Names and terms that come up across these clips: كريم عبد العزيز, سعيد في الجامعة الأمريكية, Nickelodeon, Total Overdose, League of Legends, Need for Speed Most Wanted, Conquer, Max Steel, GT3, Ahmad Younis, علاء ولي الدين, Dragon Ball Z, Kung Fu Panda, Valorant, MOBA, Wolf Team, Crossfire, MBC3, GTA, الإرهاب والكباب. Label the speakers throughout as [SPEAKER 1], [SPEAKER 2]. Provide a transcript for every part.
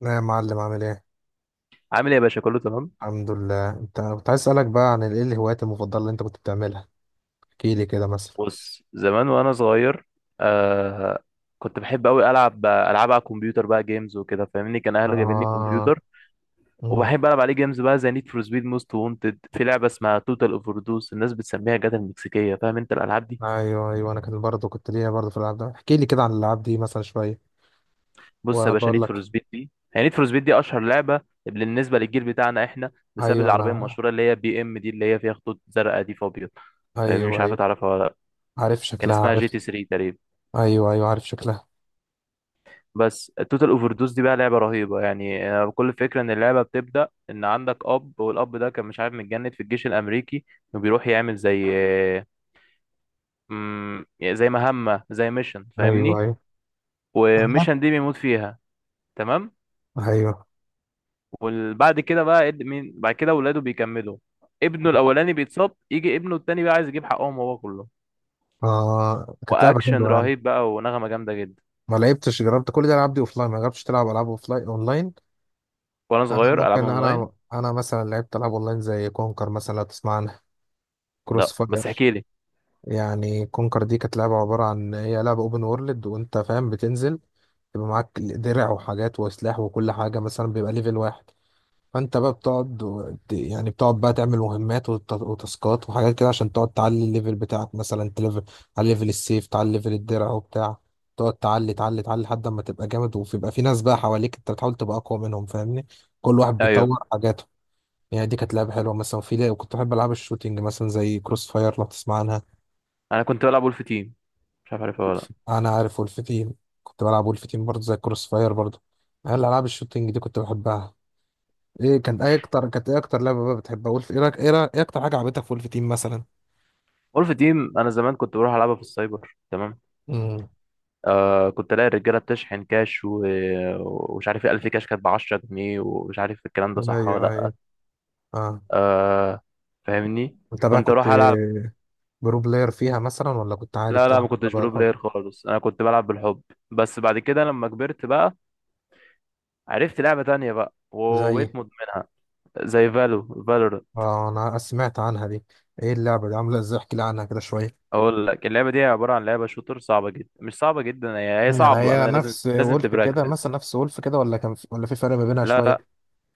[SPEAKER 1] لا يا معلم، عامل ايه؟
[SPEAKER 2] عامل ايه يا باشا؟ كله تمام.
[SPEAKER 1] الحمد لله. انت كنت عايز اسالك بقى عن ايه الهوايات المفضله اللي انت كنت بتعملها؟ احكي لي كده مثلا.
[SPEAKER 2] بص، زمان وانا صغير، آه كنت بحب قوي العب العاب على الكمبيوتر، بقى جيمز وكده، فاهمني؟ كان اهلي جايبين لي
[SPEAKER 1] اه.
[SPEAKER 2] كمبيوتر
[SPEAKER 1] امم.
[SPEAKER 2] وبحب العب عليه جيمز بقى، زي نيد فور سبيد موست وونتد، في لعبه اسمها توتال اوفر دوز الناس بتسميها جاتا المكسيكيه، فاهم انت الالعاب دي؟
[SPEAKER 1] ايوه، ايوه، انا كان برضه كنت ليا برضه في الالعاب، ده احكي لي كده عن الالعاب دي مثلا شويه.
[SPEAKER 2] بص يا
[SPEAKER 1] وانا
[SPEAKER 2] باشا،
[SPEAKER 1] بقول
[SPEAKER 2] نيد فور
[SPEAKER 1] لك.
[SPEAKER 2] سبيد دي هي نيد فور سبيد دي اشهر لعبه بالنسبه للجيل بتاعنا احنا، بسبب
[SPEAKER 1] ايوه،
[SPEAKER 2] العربيه
[SPEAKER 1] انا.
[SPEAKER 2] المشهوره اللي هي بي ام دي اللي هي فيها خطوط زرقاء دي فابيض، فاهمني؟ مش
[SPEAKER 1] ايوه،
[SPEAKER 2] عارف
[SPEAKER 1] ايوه،
[SPEAKER 2] تعرفها ولا لا.
[SPEAKER 1] عارف
[SPEAKER 2] كان
[SPEAKER 1] شكلها،
[SPEAKER 2] اسمها
[SPEAKER 1] عارف.
[SPEAKER 2] جي تي 3 تقريبا.
[SPEAKER 1] ايوه، ايوه، عارف شكلها.
[SPEAKER 2] بس التوتال اوفر دوز دي بقى لعبه رهيبه يعني، كل فكره ان اللعبه بتبدا ان عندك اب، والاب ده كان مش عارف، متجند في الجيش الامريكي وبيروح يعمل زي، آه، يعني زي مهمه، زي ميشن،
[SPEAKER 1] ايوه،
[SPEAKER 2] فاهمني؟
[SPEAKER 1] ايوه،
[SPEAKER 2] وميشن دي بيموت فيها. تمام.
[SPEAKER 1] ايوه،
[SPEAKER 2] وبعد كده بقى مين بعد كده ولاده بيكملوا. ابنه الاولاني بيتصاب، يجي ابنه التاني بقى عايز يجيب حقهم هو كله.
[SPEAKER 1] اه، كانت لعبه
[SPEAKER 2] واكشن
[SPEAKER 1] حلوه يعني.
[SPEAKER 2] رهيب بقى ونغمه جامده جدا.
[SPEAKER 1] ما لعبتش، جربت كل دي الالعاب دي اوفلاين، ما جربتش تلعب العاب اوفلاين اونلاين؟
[SPEAKER 2] وانا
[SPEAKER 1] انا
[SPEAKER 2] صغير العاب
[SPEAKER 1] ممكن،
[SPEAKER 2] اونلاين؟
[SPEAKER 1] انا مثلا لعبت العاب اونلاين زي كونكر مثلا، لو تسمع عنها. كروس
[SPEAKER 2] لا، بس
[SPEAKER 1] فاير.
[SPEAKER 2] احكي لي.
[SPEAKER 1] يعني كونكر دي كانت لعبة عبارة عن، هي لعبة اوبن وورلد وانت فاهم، بتنزل يبقى معاك درع وحاجات وسلاح وكل حاجة، مثلا بيبقى ليفل واحد. فانت بقى يعني بتقعد بقى تعمل مهمات وتاسكات وحاجات كده عشان تقعد تعلي الليفل بتاعك، مثلا تليفل على ليفل السيف، تعلي ليفل الدرع وبتاع. تقعد تعلي تعلي تعلي لحد ما تبقى جامد، وبيبقى في ناس بقى حواليك انت بتحاول تبقى اقوى منهم، فاهمني؟ كل واحد
[SPEAKER 2] ايوه،
[SPEAKER 1] بيطور حاجاته. يعني دي كانت لعبة حلوة مثلا، وفي كنت بحب العاب الشوتينج مثلا زي كروس فاير، لو تسمع عنها.
[SPEAKER 2] انا كنت بلعب ولف تيم، مش عارف عارفها ولا لأ.
[SPEAKER 1] انا عارف ولف تيم. كنت بلعب ولف تيم برضه زي كروس فاير برضه. انا العاب الشوتينج دي كنت بحبها. ايه كان ايه اكتر كانت ايه اكتر لعبه بقى بتحبها، ولف إيه اكتر حاجه عجبتك في ولف تيم مثلا؟
[SPEAKER 2] وولف تيم انا زمان كنت بروح العبها في السايبر. تمام.
[SPEAKER 1] امم.
[SPEAKER 2] آه، كنت الاقي الرجاله بتشحن كاش ومش عارف ايه، 1000 كاش كانت ب 10 جنيه، ومش عارف الكلام ده صح ولا
[SPEAKER 1] ايوه،
[SPEAKER 2] لا.
[SPEAKER 1] ايوه، اه،
[SPEAKER 2] آه، فاهمني،
[SPEAKER 1] انت بقى
[SPEAKER 2] كنت
[SPEAKER 1] كنت
[SPEAKER 2] اروح العب.
[SPEAKER 1] برو بلاير فيها مثلا، ولا كنت عادي
[SPEAKER 2] لا لا، ما
[SPEAKER 1] بتلعب كده
[SPEAKER 2] كنتش
[SPEAKER 1] بقى
[SPEAKER 2] برو
[SPEAKER 1] الحر؟
[SPEAKER 2] بلاير خالص، انا كنت بلعب بالحب. بس بعد كده لما كبرت بقى عرفت لعبه تانية بقى
[SPEAKER 1] زي.
[SPEAKER 2] وبقيت مدمنها. زي فالورانت.
[SPEAKER 1] اه، انا سمعت عنها دي. ايه اللعبه دي عامله ازاي، احكي لي عنها كده شويه؟
[SPEAKER 2] اقول لك، اللعبه دي عباره عن لعبه شوتر صعبه جدا، مش صعبه جدا، هي
[SPEAKER 1] يعني
[SPEAKER 2] صعبه
[SPEAKER 1] هي
[SPEAKER 2] بقى، لازم
[SPEAKER 1] نفس
[SPEAKER 2] لازم
[SPEAKER 1] وولف كده مثلا،
[SPEAKER 2] تبراكتس.
[SPEAKER 1] نفس وولف كده، ولا كان في، ولا في فرق ما بينها
[SPEAKER 2] لا لا.
[SPEAKER 1] شويه؟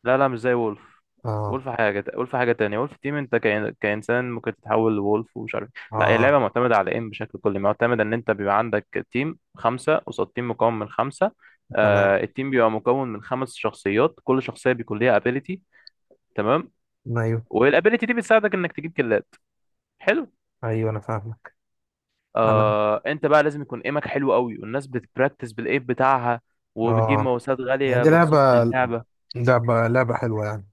[SPEAKER 2] لا لا، مش زي وولف.
[SPEAKER 1] اه،
[SPEAKER 2] وولف حاجة، وولف حاجة تانية. وولف تيم انت كإنسان ممكن تتحول لولف ومش عارف إيه. لا، هي لعبة
[SPEAKER 1] اه،
[SPEAKER 2] معتمدة على ايه، بشكل كلي معتمدة ان انت بيبقى عندك تيم خمسة قصاد تيم مكون من خمسة.
[SPEAKER 1] تمام،
[SPEAKER 2] آه، التيم بيبقى مكون من خمس شخصيات، كل شخصية بيكون ليها ابيليتي. تمام.
[SPEAKER 1] ايوه،
[SPEAKER 2] والابيليتي دي بتساعدك انك تجيب كلات. حلو.
[SPEAKER 1] ايوه، انا فاهم. انا،
[SPEAKER 2] آه، انت بقى لازم يكون ايمك حلو قوي، والناس بتبراكتس بالايم بتاعها وبتجيب
[SPEAKER 1] اه،
[SPEAKER 2] ماوسات
[SPEAKER 1] يعني
[SPEAKER 2] غالية
[SPEAKER 1] دي لعبة
[SPEAKER 2] بخصوص للعبة.
[SPEAKER 1] لعبة لعبة حلوة يعني.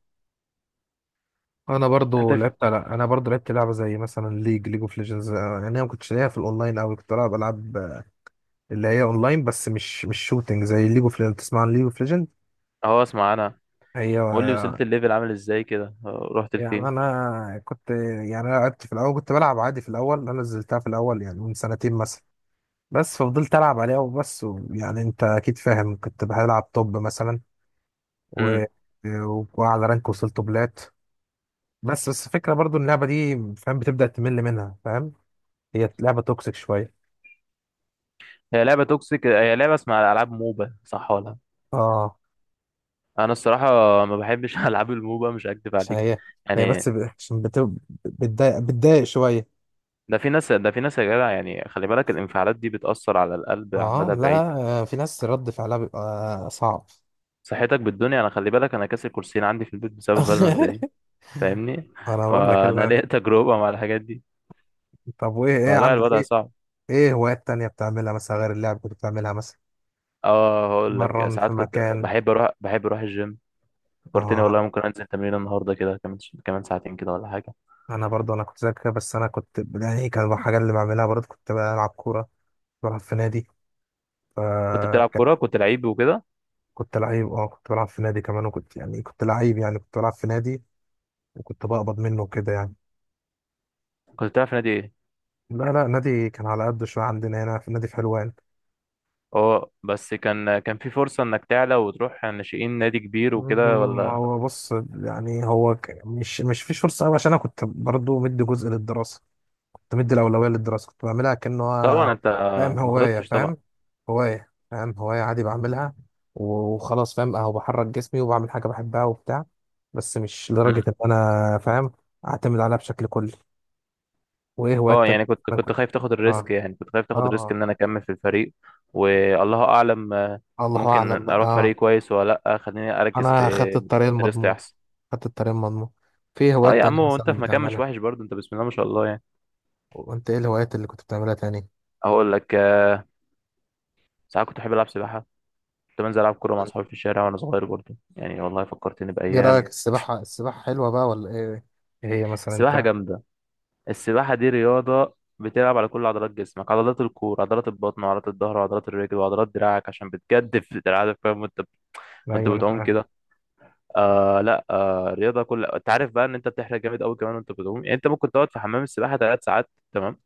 [SPEAKER 1] انا برضو
[SPEAKER 2] انت في...
[SPEAKER 1] لعبت. لا، انا برضو لعبت لعبة زي مثلا ليج اوف ليجندز. يعني انا ما كنتش ليا في الاونلاين قوي، كنت بلعب العاب اللي هي اونلاين، بس مش شوتينج زي ليج اوف ليجندز. تسمع عن ليج اوف ليجند؟
[SPEAKER 2] اهو اسمع انا،
[SPEAKER 1] هي
[SPEAKER 2] قول لي وصلت الليفل عامل ازاي كده، رحت
[SPEAKER 1] يعني
[SPEAKER 2] لفين؟
[SPEAKER 1] انا كنت يعني أنا لعبت في الاول، كنت بلعب عادي في الاول، انا نزلتها في الاول يعني من سنتين مثلا. بس ففضلت العب عليها وبس، يعني انت اكيد فاهم، كنت بلعب توب مثلا و...
[SPEAKER 2] امم
[SPEAKER 1] وعلى رانك وصلت بلات. بس الفكرة برضو إن اللعبة دي فاهم بتبدأ تمل منها، فاهم؟ هي لعبة توكسيك شوية.
[SPEAKER 2] هي لعبه توكسيك، هي لعبه اسمها العاب موبا صح ولا؟
[SPEAKER 1] اه،
[SPEAKER 2] انا الصراحه ما بحبش العاب الموبا، مش هكدب
[SPEAKER 1] عشان
[SPEAKER 2] عليك
[SPEAKER 1] هي
[SPEAKER 2] يعني.
[SPEAKER 1] بتضايق شوية.
[SPEAKER 2] ده في ناس، ده في ناس يا جدع يعني، خلي بالك الانفعالات دي بتاثر على القلب على
[SPEAKER 1] اه،
[SPEAKER 2] المدى
[SPEAKER 1] لا،
[SPEAKER 2] البعيد.
[SPEAKER 1] في ناس رد فعلها بيبقى صعب.
[SPEAKER 2] صحتك بالدنيا، انا خلي بالك، انا كاسر كرسيين عندي في البيت بسبب فالورانت دي، فاهمني؟
[SPEAKER 1] انا بقول لك
[SPEAKER 2] فانا
[SPEAKER 1] لا.
[SPEAKER 2] ليا تجربه مع الحاجات دي،
[SPEAKER 1] طب وايه، ايه
[SPEAKER 2] فلا
[SPEAKER 1] عندك،
[SPEAKER 2] الوضع
[SPEAKER 1] ايه،
[SPEAKER 2] صعب.
[SPEAKER 1] ايه هوايات تانية بتعملها مثلا غير اللعب كنت بتعملها مثلا؟
[SPEAKER 2] اه، هقول لك،
[SPEAKER 1] مرن في
[SPEAKER 2] ساعات كنت
[SPEAKER 1] مكان.
[SPEAKER 2] بحب اروح، بحب اروح الجيم. فكرتني
[SPEAKER 1] اه،
[SPEAKER 2] والله، ممكن انزل تمرين النهارده كده كمان، كمان ساعتين كده ولا حاجه.
[SPEAKER 1] انا برضو. انا كنت زيك كده، بس انا كنت، يعني كان الحاجة اللي بعملها برضو كنت بلعب كورة، بلعب في نادي. ف
[SPEAKER 2] كنت بتلعب كورة؟ كنت لعيب وكده؟
[SPEAKER 1] كنت لعيب، اه، كنت بلعب في نادي كمان، وكنت يعني كنت لعيب، يعني كنت بلعب في نادي وكنت بقبض منه وكده يعني.
[SPEAKER 2] كنت بتلعب في نادي ايه؟
[SPEAKER 1] لا، لا، نادي كان على قد شوية، عندنا هنا في نادي في حلوان.
[SPEAKER 2] اه، بس كان، كان في فرصة انك تعلى وتروح ناشئين نادي كبير وكده ولا؟
[SPEAKER 1] هو بص. يعني هو مش فيش فرصة أوي، عشان أنا كنت برضو مدي جزء للدراسة، كنت مدي الأولوية للدراسة، كنت بعملها كأنه
[SPEAKER 2] طبعا انت
[SPEAKER 1] فاهم
[SPEAKER 2] ما
[SPEAKER 1] هواية
[SPEAKER 2] غلطتش طبعا.
[SPEAKER 1] فاهم فاهم هواية عادي بعملها وخلاص، فاهم، أهو بحرك جسمي وبعمل حاجة بحبها وبتاع، بس مش
[SPEAKER 2] مم.
[SPEAKER 1] لدرجة إن أنا فاهم أعتمد عليها بشكل كلي. وايه
[SPEAKER 2] اه
[SPEAKER 1] هوايات تانية؟
[SPEAKER 2] يعني، كنت،
[SPEAKER 1] انا
[SPEAKER 2] كنت
[SPEAKER 1] كنت.
[SPEAKER 2] خايف تاخد
[SPEAKER 1] اه،
[SPEAKER 2] الريسك، يعني كنت خايف تاخد الريسك
[SPEAKER 1] اه،
[SPEAKER 2] ان انا اكمل في الفريق، والله اعلم.
[SPEAKER 1] الله اعلم
[SPEAKER 2] ممكن
[SPEAKER 1] بقى،
[SPEAKER 2] اروح
[SPEAKER 1] اه.
[SPEAKER 2] فريق كويس ولا لا، خليني اركز في
[SPEAKER 1] انا خدت الطريق
[SPEAKER 2] دراستي
[SPEAKER 1] المضمون.
[SPEAKER 2] احسن.
[SPEAKER 1] خدت الطريق المضمون. في
[SPEAKER 2] اه
[SPEAKER 1] هوايات
[SPEAKER 2] يا
[SPEAKER 1] تانية
[SPEAKER 2] عم، وانت
[SPEAKER 1] مثلا
[SPEAKER 2] في مكان مش
[SPEAKER 1] بتعملها؟
[SPEAKER 2] وحش برضه، انت بسم الله ما شاء الله يعني.
[SPEAKER 1] وانت ايه الهوايات اللي كنت بتعملها تاني؟
[SPEAKER 2] اقول لك، ساعات كنت بحب العب سباحة، كنت بنزل العب كورة مع
[SPEAKER 1] مم.
[SPEAKER 2] اصحابي في الشارع وانا صغير برضه يعني، والله فكرتني
[SPEAKER 1] ايه
[SPEAKER 2] بايام.
[SPEAKER 1] رايك، السباحه، حلوه بقى ولا ايه؟ ايه هي مثلا
[SPEAKER 2] السباحة
[SPEAKER 1] انت؟
[SPEAKER 2] جامدة. السباحة دي رياضة بتلعب على كل عضلات جسمك، عضلات الكور، عضلات البطن، وعضلات الظهر، وعضلات الرجل، وعضلات دراعك عشان بتجدف دراعك، فاهم؟ وانت
[SPEAKER 1] ايوه، انا
[SPEAKER 2] بتعوم
[SPEAKER 1] فاهم.
[SPEAKER 2] كده، آه لا آه رياضة، كل انت عارف بقى ان انت بتحرق جامد قوي كمان وانت بتعوم، يعني انت ممكن تقعد في حمام السباحة ثلاث ساعات تمام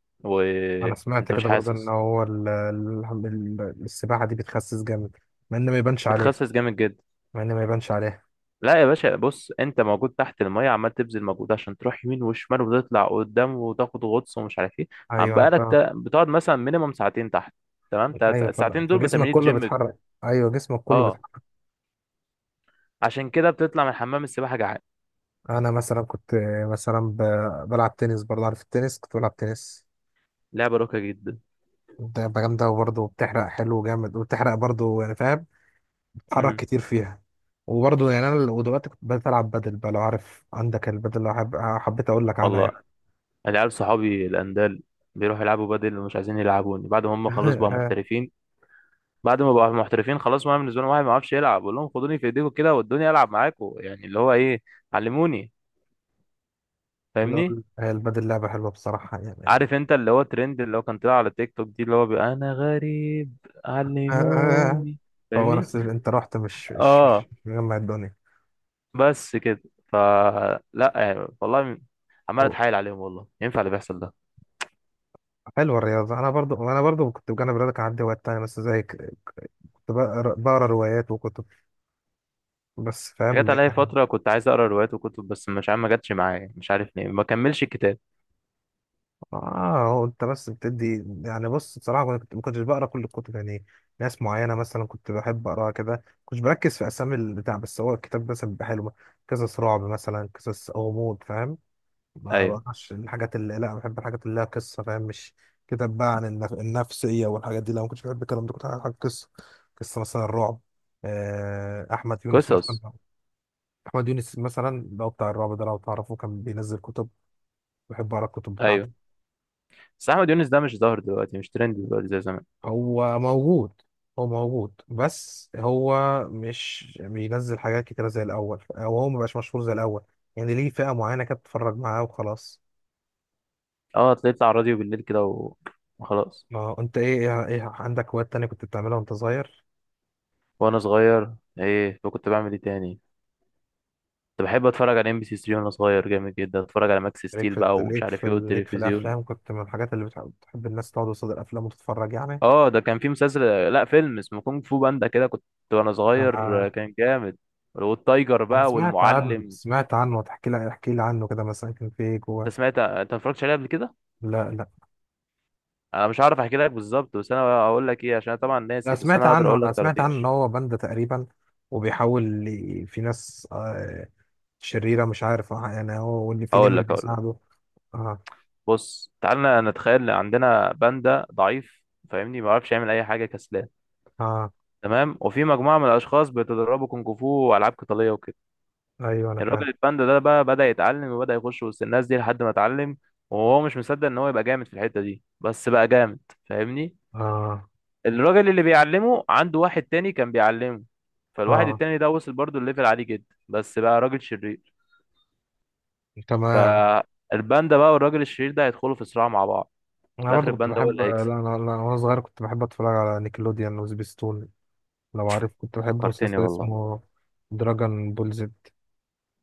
[SPEAKER 1] انا سمعت
[SPEAKER 2] وانت مش
[SPEAKER 1] كده برضه ان
[SPEAKER 2] حاسس.
[SPEAKER 1] هو السباحه دي بتخسس جامد، مع ان ما يبانش عليها.
[SPEAKER 2] بتخسس جامد جدا.
[SPEAKER 1] مع ان ما يبانش عليها.
[SPEAKER 2] لا يا باشا، بص، انت موجود تحت المية، عمال تبذل مجهود عشان تروح يمين وشمال وتطلع قدام وتاخد غطس ومش عارف ايه. عم
[SPEAKER 1] ايوه، انا
[SPEAKER 2] بقالك
[SPEAKER 1] فاهم.
[SPEAKER 2] بتقعد مثلا مينيمم ساعتين تحت. تمام،
[SPEAKER 1] ايوه، فاهم،
[SPEAKER 2] الساعتين دول
[SPEAKER 1] فجسمك
[SPEAKER 2] بتمرين
[SPEAKER 1] كله
[SPEAKER 2] جيم.
[SPEAKER 1] بيتحرك. ايوه، جسمك كله
[SPEAKER 2] اه،
[SPEAKER 1] بيتحرك.
[SPEAKER 2] عشان كده بتطلع من حمام السباحة جعان.
[SPEAKER 1] انا مثلا كنت، مثلا بلعب تنس برضه، عارف التنس، كنت بلعب تنس.
[SPEAKER 2] لعبة راقية جدا.
[SPEAKER 1] ده جامده، وبرضه بتحرق حلو جامد، وبتحرق برضه يعني فاهم، بتتحرك
[SPEAKER 2] امم
[SPEAKER 1] كتير فيها. وبرضه يعني انا، ودلوقتي كنت بدأت العب بدل بقى، لو عارف عندك البدل، لو حبيت اقول لك عنها
[SPEAKER 2] الله.
[SPEAKER 1] يعني.
[SPEAKER 2] العيال صحابي الاندال بيروحوا يلعبوا بدل ومش عايزين يلعبوني بعد ما هم خلاص بقى محترفين. بعد ما بقى محترفين خلاص، ما بالنسبة لهم واحد ما يعرفش يلعب، بقول لهم خدوني في ايديكم كده، ودوني العب معاكم، يعني اللي هو ايه، علموني، فاهمني؟
[SPEAKER 1] لول. هي البدل لعبه حلوه بصراحه يعني.
[SPEAKER 2] عارف انت اللي هو ترند اللي هو كان طلع على تيك توك دي، اللي هو بيبقى انا غريب، علموني.
[SPEAKER 1] هو
[SPEAKER 2] فاهمني؟
[SPEAKER 1] نفس اللي انت رحت، مش مش
[SPEAKER 2] اه،
[SPEAKER 1] مش مش مجمع الدنيا.
[SPEAKER 2] بس كده. فلا يعني والله، عمال
[SPEAKER 1] هو-
[SPEAKER 2] اتحايل عليهم، والله ينفع اللي بيحصل ده؟
[SPEAKER 1] حلوه الرياضه. انا برضو، كنت بجانب الرياضه كان عندي هوايات تانية بس زيك، كنت بقرا روايات وكتب، بس
[SPEAKER 2] انا
[SPEAKER 1] فاهم.
[SPEAKER 2] جت عليا فتره كنت عايز اقرا روايات وكتب بس مش عارف، ما جاتش معايا، مش عارف ليه ما كملش الكتاب.
[SPEAKER 1] اه، هو انت بس بتدي، يعني بص بصراحه، ما كنتش بقرا كل الكتب يعني. ناس معينه مثلا كنت بحب اقراها كده، كنتش بركز في اسامي البتاع، بس هو الكتاب مثلا بيبقى حلو. قصص رعب مثلا، قصص غموض فاهم. ما
[SPEAKER 2] ايوه.
[SPEAKER 1] بقراش الحاجات اللي، لا بحب الحاجات اللي لها قصه، فاهم؟ مش كتاب بقى عن النفسيه والحاجات دي، لا، ما كنتش بحب الكلام ده، كنت بحب حاجه قصه. قصه مثلا الرعب. احمد يونس مثلا.
[SPEAKER 2] قصص.
[SPEAKER 1] احمد يونس مثلا لو بتاع الرعب ده لو تعرفه، كان بينزل كتب، بحب اقرا الكتب
[SPEAKER 2] ايوه،
[SPEAKER 1] بتاعته.
[SPEAKER 2] بس احمد يونس ده مش ظاهر دلوقتي، مش ترند دلوقتي زي زمان.
[SPEAKER 1] هو موجود. هو موجود، بس هو مش بينزل حاجات كتيرة زي الأول، أو هو مبقاش مشهور زي الأول. يعني ليه فئة معينة كده بتتفرج معاه وخلاص.
[SPEAKER 2] اه، طلعت على الراديو بالليل كده وخلاص.
[SPEAKER 1] ما هو أنت إيه؟ إيه عندك هوايات تانية كنت بتعملها وأنت صغير؟
[SPEAKER 2] وانا صغير ايه وكنت بعمل ايه تاني؟ كنت بحب اتفرج على ام بي سي 3 وانا صغير جامد جدا، اتفرج على ماكس ستيل بقى ومش عارف ايه،
[SPEAKER 1] ليك في
[SPEAKER 2] والتلفزيون.
[SPEAKER 1] الأفلام، كنت من الحاجات اللي بتحب الناس تقعد قصاد الأفلام وتتفرج يعني.
[SPEAKER 2] اه، ده كان في مسلسل، لا فيلم اسمه كونج فو باندا، كده كنت وانا صغير،
[SPEAKER 1] أنا
[SPEAKER 2] كان جامد، والتايجر
[SPEAKER 1] أنا
[SPEAKER 2] بقى،
[SPEAKER 1] سمعت عنه،
[SPEAKER 2] والمعلم.
[SPEAKER 1] سمعت عنه، تحكي لي احكي لي عنه كده، مثلا كان في إيه جوه؟
[SPEAKER 2] انت سمعت؟ انت ما اتفرجتش عليه قبل كده؟
[SPEAKER 1] لا، لا،
[SPEAKER 2] انا مش هعرف احكي لك بالظبط، بس انا هقول لك ايه، عشان أنا طبعا ناسي، بس انا هقدر اقول
[SPEAKER 1] أنا
[SPEAKER 2] لك
[SPEAKER 1] سمعت عنه إن
[SPEAKER 2] طرطيش.
[SPEAKER 1] هو باندا تقريبا، وبيحاول في ناس شريرة، مش عارف يعني هو، وإن في
[SPEAKER 2] هقول
[SPEAKER 1] نمر
[SPEAKER 2] لك هقول لك
[SPEAKER 1] بيساعده. اه،
[SPEAKER 2] بص، تعالى نتخيل إن عندنا باندا ضعيف، فاهمني؟ ما بيعرفش يعمل اي حاجه، كسلان.
[SPEAKER 1] اه،
[SPEAKER 2] تمام. وفي مجموعه من الاشخاص بيتدربوا كونج فو والعاب قتاليه وكده.
[SPEAKER 1] أيوه أنا فاهم.
[SPEAKER 2] الراجل الباندا ده بقى بدأ يتعلم وبدأ يخش وسط الناس دي لحد ما اتعلم، وهو مش مصدق ان هو يبقى جامد في الحتة دي، بس بقى جامد، فاهمني؟
[SPEAKER 1] اه،
[SPEAKER 2] الراجل اللي بيعلمه عنده واحد تاني كان بيعلمه، فالواحد
[SPEAKER 1] اه،
[SPEAKER 2] التاني ده وصل برضه الليفل عالي جدا، بس بقى راجل شرير.
[SPEAKER 1] تمام.
[SPEAKER 2] الباندا بقى والراجل الشرير ده هيدخلوا في صراع مع بعض. في
[SPEAKER 1] أنا
[SPEAKER 2] الاخر
[SPEAKER 1] برضه كنت
[SPEAKER 2] الباندا هو
[SPEAKER 1] بحب.
[SPEAKER 2] اللي
[SPEAKER 1] لا،
[SPEAKER 2] هيكسب.
[SPEAKER 1] أنا لا أنا وأنا صغير كنت بحب أتفرج على نيكلوديان وسبيستون، لو عارف. كنت بحب
[SPEAKER 2] فكرتني
[SPEAKER 1] مسلسل
[SPEAKER 2] والله.
[SPEAKER 1] اسمه دراجون بول زد،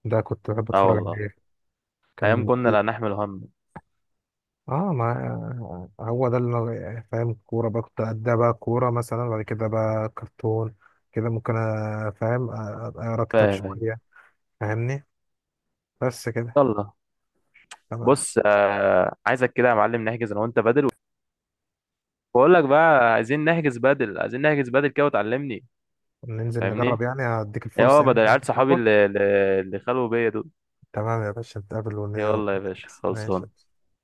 [SPEAKER 1] ده كنت بحب
[SPEAKER 2] اه
[SPEAKER 1] أتفرج
[SPEAKER 2] والله،
[SPEAKER 1] عليه.
[SPEAKER 2] ايام
[SPEAKER 1] كان
[SPEAKER 2] كنا
[SPEAKER 1] في-
[SPEAKER 2] لا نحمل هم.
[SPEAKER 1] اه، ما، هو ده اللي أنا فاهم، كورة بقى كنت أديها، بقى كورة مثلا، بعد كده بقى كرتون كده، ممكن فاهم، أقرا كتاب
[SPEAKER 2] فاهم. أيوة.
[SPEAKER 1] شوية. فاهمني، بس كده.
[SPEAKER 2] يلا.
[SPEAKER 1] تمام،
[SPEAKER 2] بص، آه، عايزك كده يا معلم نحجز انا وانت بدل. بقول لك بقى، عايزين نحجز بدل، عايزين نحجز بدل كده وتعلمني،
[SPEAKER 1] ننزل نجرب
[SPEAKER 2] فاهمني؟
[SPEAKER 1] يعني، هديك
[SPEAKER 2] يا
[SPEAKER 1] الفرصة
[SPEAKER 2] هو
[SPEAKER 1] يعني
[SPEAKER 2] بدل،
[SPEAKER 1] جنب
[SPEAKER 2] عيال صحابي
[SPEAKER 1] صحابك.
[SPEAKER 2] اللي اللي خلوا بيا دول.
[SPEAKER 1] تمام يا باشا، نتقابل
[SPEAKER 2] يلا يا باشا،
[SPEAKER 1] ونحجز، ماشي.
[SPEAKER 2] خلصان.